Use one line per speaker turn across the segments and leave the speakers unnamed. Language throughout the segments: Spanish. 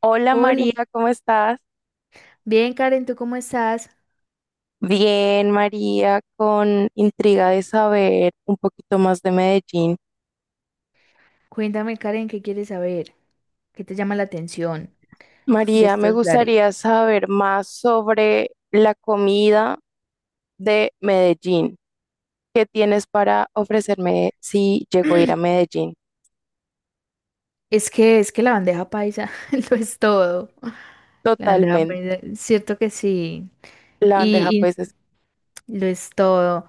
Hola
Hola,
María, ¿cómo estás?
bien Karen, ¿tú cómo estás?
Bien, María, con intriga de saber un poquito más de Medellín.
Cuéntame Karen, ¿qué quieres saber? ¿Qué te llama la atención de
María, me
estos lares?
gustaría saber más sobre la comida de Medellín. ¿Qué tienes para ofrecerme si llego a ir a Medellín?
Es que la bandeja paisa lo es todo. La bandeja
Totalmente.
paisa, cierto que sí.
La bandeja
Y,
pues es
y lo es todo.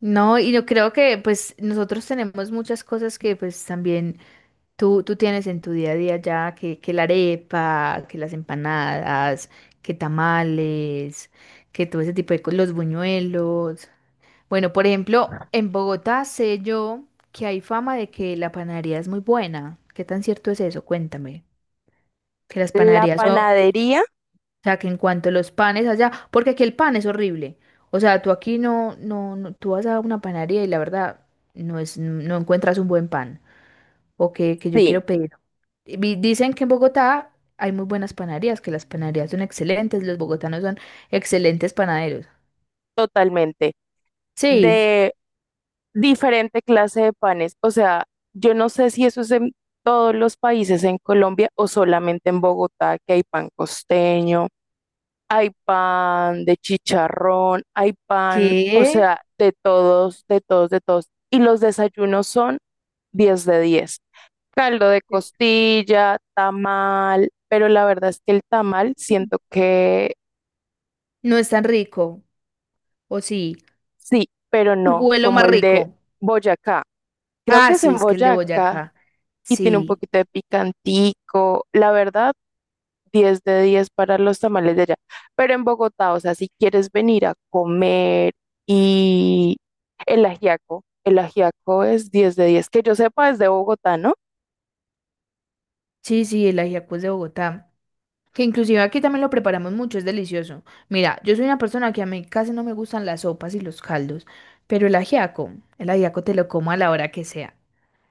No, y yo creo que pues nosotros tenemos muchas cosas que pues también tú tienes en tu día a día ya, que la arepa, que las empanadas, que tamales, que todo ese tipo de cosas, los buñuelos. Bueno, por ejemplo, en Bogotá sé yo que hay fama de que la panadería es muy buena. ¿Qué tan cierto es eso? Cuéntame. Que las
la
panaderías son, o
panadería,
sea, que en cuanto a los panes allá, porque aquí el pan es horrible. O sea, tú aquí tú vas a una panadería y la verdad no es, no encuentras un buen pan. O que yo
sí,
quiero pedir. Dicen que en Bogotá hay muy buenas panaderías, que las panaderías son excelentes, los bogotanos son excelentes panaderos.
totalmente.
Sí,
Diferente clase de panes. O sea, yo no sé si eso es en todos los países en Colombia o solamente en Bogotá, que hay pan costeño, hay pan de chicharrón, hay pan, o
que
sea, de todos, de todos, de todos. Y los desayunos son 10 de 10. Caldo de costilla, tamal, pero la verdad es que el tamal siento que
no es tan rico, o sí.
sí, pero no,
Vuelo
como
más
el de
rico.
Boyacá. Creo
Ah,
que es
sí,
en
es que el de
Boyacá
Boyacá.
y tiene un
Sí,
poquito de picantico. La verdad, 10 de 10 para los tamales de allá. Pero en Bogotá, o sea, si quieres venir a comer y el ajiaco es 10 de 10 que yo sepa es de Bogotá, ¿no?
sí, el ajiaco es de Bogotá. Que inclusive aquí también lo preparamos mucho, es delicioso. Mira, yo soy una persona que a mí casi no me gustan las sopas y los caldos, pero el ajiaco te lo como a la hora que sea,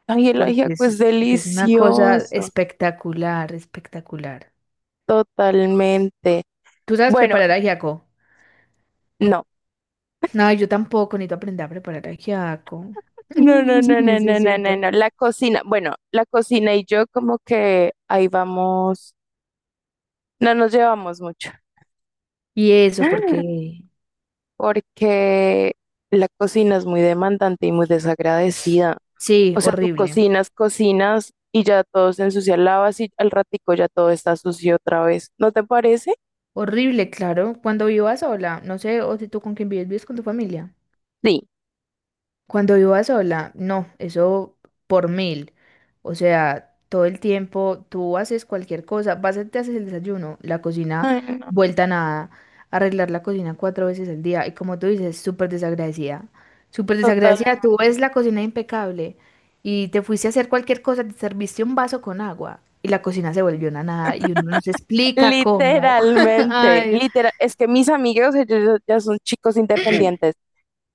Ay, el
porque
ajiaco es
es, porque es una cosa
delicioso,
espectacular, espectacular.
totalmente.
¿Tú sabes
Bueno,
preparar ajiaco?
no.
No, yo tampoco, necesito aprender a preparar ajiaco.
No, no, no, no, no, no,
Necesito.
no, no. La cocina, bueno, la cocina y yo como que ahí vamos, no nos llevamos mucho.
Y eso, porque...
Porque la cocina es muy demandante y muy desagradecida.
Sí,
O sea, tú
horrible.
cocinas, cocinas y ya todo se ensucia, lavas y al ratico ya todo está sucio otra vez. ¿No te parece?
Horrible, claro. Cuando viva sola, no sé, o si tú con quién vives, vives con tu familia.
Sí.
Cuando viva sola, no, eso por mil. O sea, todo el tiempo tú haces cualquier cosa, vas, te haces el desayuno, la cocina
Ay, no,
vuelta a nada, arreglar la cocina cuatro veces al día. Y como tú dices, súper desagradecida. Súper
total.
desagradecida, tú ves la cocina impecable y te fuiste a hacer cualquier cosa, te serviste un vaso con agua y la cocina se volvió una nada y uno no se explica cómo.
Literalmente,
Ay,
literal. Es que mis amigos, ellos ya ya son chicos independientes.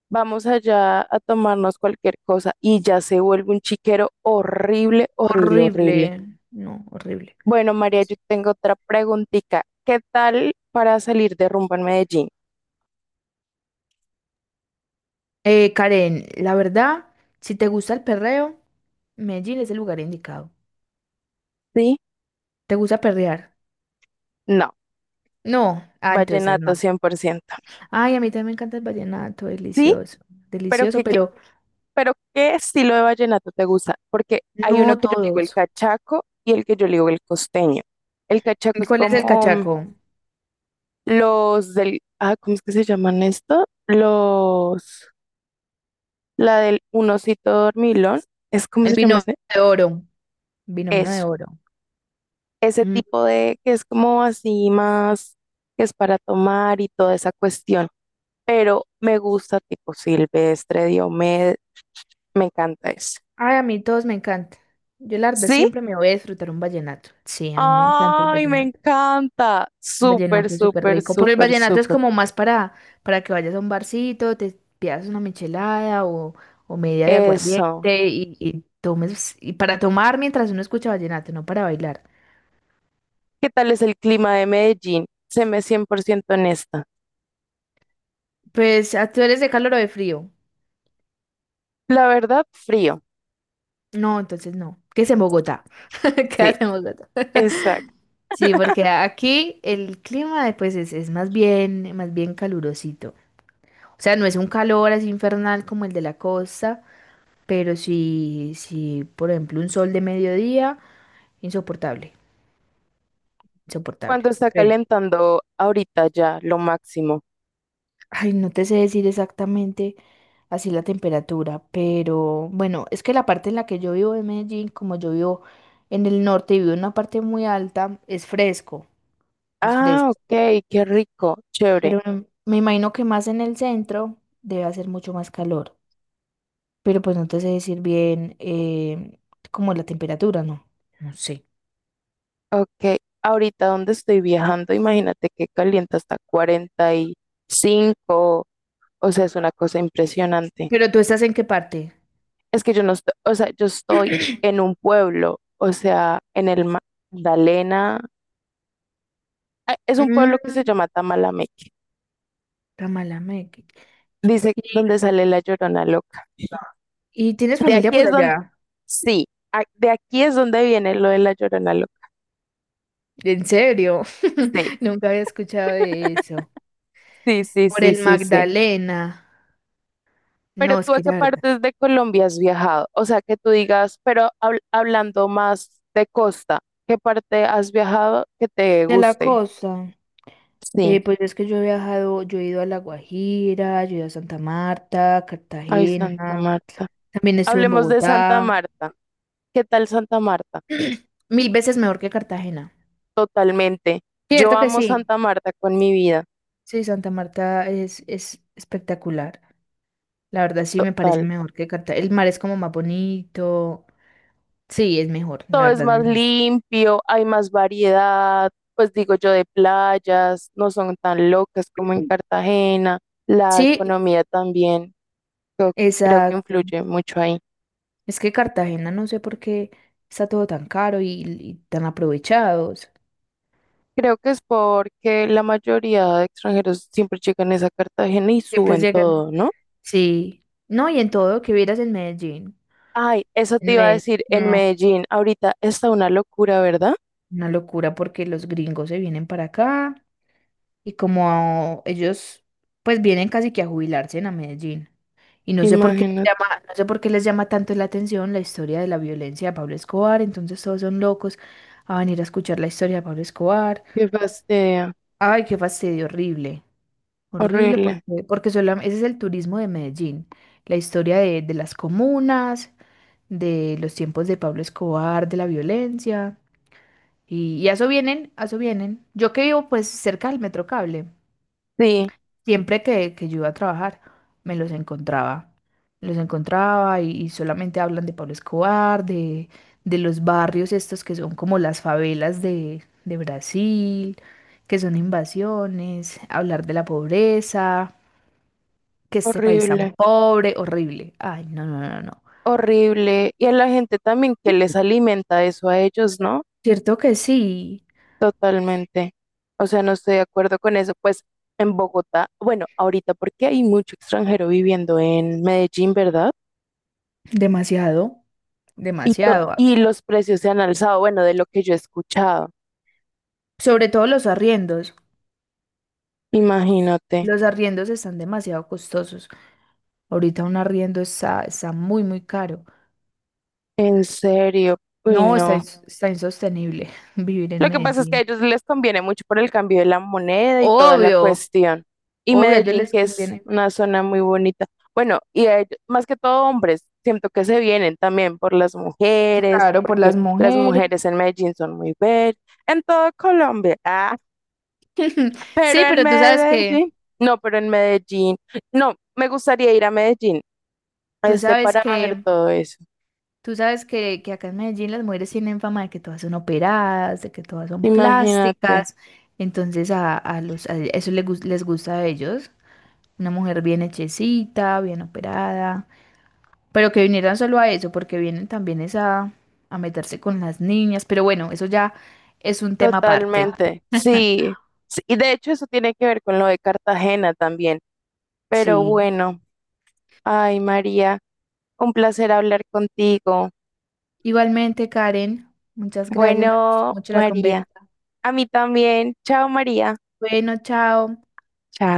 Vamos allá a tomarnos cualquier cosa y ya se vuelve un chiquero horrible, horrible, horrible.
horrible. No, horrible.
Bueno, María, yo tengo otra preguntita. ¿Qué tal para salir de rumba en Medellín?
Karen, la verdad, si te gusta el perreo, Medellín es el lugar indicado.
¿Sí?
¿Te gusta perrear?
No,
No. Ah, entonces
vallenato
no.
100%.
Ay, a mí también me encanta el vallenato,
Sí,
delicioso.
pero
Delicioso,
¿qué, qué-
pero
pero ¿qué estilo de vallenato te gusta? Porque hay uno
no
que yo le digo el
todos.
cachaco y el que yo le digo el costeño. El
¿Y
cachaco es
¿cuál es el
como
cachaco?
los del, ¿cómo es que se llaman esto? Los, la del un osito dormilón, ¿es cómo
El
se llama
vino
ese?
de oro. Binomio de
Eso.
oro.
Ese
Mm.
tipo de que es como así más, que es para tomar y toda esa cuestión. Pero me gusta tipo Silvestre, Diomedes, me encanta eso.
Ay, a mí todos me encanta. Yo, la verdad,
¿Sí?
siempre me voy a disfrutar un vallenato. Sí, a mí me encanta el
Ay, me
vallenato.
encanta. Súper,
Vallenato es súper
súper,
rico. Pero el
súper,
vallenato es
súper.
como más para que vayas a un barcito, te pidas una michelada o media de
Eso.
aguardiente y tomes, y para tomar mientras uno escucha vallenato, no para bailar.
¿Qué tal es el clima de Medellín? Se me ciento honesta.
Pues, ¿ah, ¿tú eres de calor o de frío?
La verdad, frío.
No, entonces no. ¿Qué es en Bogotá?
Sí,
Quédate en Bogotá.
exacto.
Sí, porque aquí el clima pues es más bien calurosito. O sea, no es un calor así infernal como el de la costa, pero sí, sí, por ejemplo, un sol de mediodía insoportable,
Cuando
insoportable.
está
Sí.
calentando ahorita ya, lo máximo.
Ay, no te sé decir exactamente así la temperatura, pero bueno, es que la parte en la que yo vivo en Medellín, como yo vivo en el norte y vivo en una parte muy alta, es fresco, es
Ah,
fresco.
ok, qué rico, chévere.
Pero me imagino que más en el centro debe hacer mucho más calor. Pero pues no te sé decir bien como la temperatura, ¿no? No sé.
Ok, ahorita donde estoy viajando, imagínate que calienta hasta 45. O sea, es una cosa impresionante.
¿Pero tú estás en qué parte?
Es que yo no estoy, o sea, yo estoy en un pueblo, o sea, Magdalena, ah, es un
Mm,
pueblo que se llama Tamalameque,
Tamalameque.
dice
¿Y,
donde sale la Llorona Loca.
y tienes
De
familia
aquí
por
es donde,
allá?
sí, de aquí es donde viene lo de la Llorona Loca.
En serio, nunca había escuchado de eso.
Sí, sí,
Por
sí,
el
sí, sí, sí.
Magdalena.
¿Pero
No, es
tú a
que
qué
la verdad.
partes de Colombia has viajado? O sea, que tú digas, pero hablando más de costa, ¿qué parte has viajado que te
De la
guste?
costa.
Sí.
Pues es que yo he viajado, yo he ido a La Guajira, yo he ido a Santa Marta,
Ay, Santa
Cartagena.
Marta.
También estuve en
Hablemos de Santa
Bogotá.
Marta. ¿Qué tal Santa Marta?
Mil veces mejor que Cartagena.
Totalmente. Yo
Cierto que
amo
sí.
Santa Marta con mi vida.
Sí, Santa Marta es espectacular. La verdad sí me parece
Total.
mejor que Cartagena. El mar es como más bonito. Sí, es mejor, la
Todo es
verdad es
más
mejor.
limpio, hay más variedad, pues digo yo, de playas, no son tan locas como en Cartagena, la
Sí,
economía también. Yo creo que
exacto.
influye mucho ahí.
Es que Cartagena no sé por qué está todo tan caro y tan aprovechados.
Creo que es porque la mayoría de extranjeros siempre llegan es a Cartagena y
Siempre
suben
llegan.
todo, ¿no?
Sí. No, y en todo que vieras en Medellín.
Ay, eso te
En
iba a
Medellín.
decir, en
No,
Medellín ahorita está una locura, ¿verdad?
una locura porque los gringos se vienen para acá y como ellos pues vienen casi que a jubilarse en a Medellín. Y no sé por qué les
Imagínate,
llama, no sé por qué les llama tanto la atención la historia de la violencia de Pablo Escobar, entonces todos son locos a venir a escuchar la historia de Pablo Escobar.
qué fastidio,
Ay, qué fastidio horrible. Horrible
horrible.
porque, porque ese es el turismo de Medellín, la historia de las comunas, de los tiempos de Pablo Escobar, de la violencia, y a eso vienen, a eso vienen. Yo que vivo pues cerca del Metrocable,
Sí,
siempre que yo iba a trabajar, me los encontraba, me los encontraba y solamente hablan de Pablo Escobar, de los barrios estos que son como las favelas de Brasil, que son invasiones, hablar de la pobreza que este país tan
horrible,
pobre, horrible. Ay, no, no, no, no.
horrible. Y a la gente también que les alimenta eso a ellos, ¿no?
Cierto que sí,
Totalmente. O sea, no estoy de acuerdo con eso. Pues en Bogotá, bueno, ahorita porque hay mucho extranjero viviendo en Medellín, ¿verdad?
demasiado,
Y, to-
demasiado. Ah.
y los precios se han alzado, bueno, de lo que yo he escuchado.
Sobre todo los arriendos.
Imagínate,
Los arriendos están demasiado costosos. Ahorita un arriendo está, está muy, muy caro.
en serio, uy,
No,
no.
está insostenible vivir en
Lo que pasa es que a
Medellín.
ellos les conviene mucho por el cambio de la moneda y toda la
Obvio,
cuestión. Y
obvio, a ellos
Medellín,
les
que es
conviene.
una zona muy bonita. Bueno, y a más que todo hombres, siento que se vienen también por las mujeres,
Claro, por
porque
las
las
mujeres.
mujeres en Medellín son muy bellas, en toda Colombia, ah, pero
Sí,
en
pero tú sabes que,
Medellín, no, pero en Medellín, no, me gustaría ir a Medellín.
tú
Este
sabes
para ver
que
todo eso.
tú sabes que acá en Medellín las mujeres tienen fama de que todas son operadas, de que todas son
Imagínate,
plásticas, entonces a eso les, les gusta a ellos, una mujer bien hechecita, bien operada, pero que vinieran solo a eso, porque vienen también es a meterse con las niñas, pero bueno, eso ya es un tema aparte.
totalmente. Sí, sí, y de hecho eso tiene que ver con lo de Cartagena también. Pero
Sí,
bueno, ay María, un placer hablar contigo.
igualmente Karen, muchas gracias, me gustó
Bueno,
mucho la conversa.
María, a mí también. Chao María.
Bueno, chao.
Chao.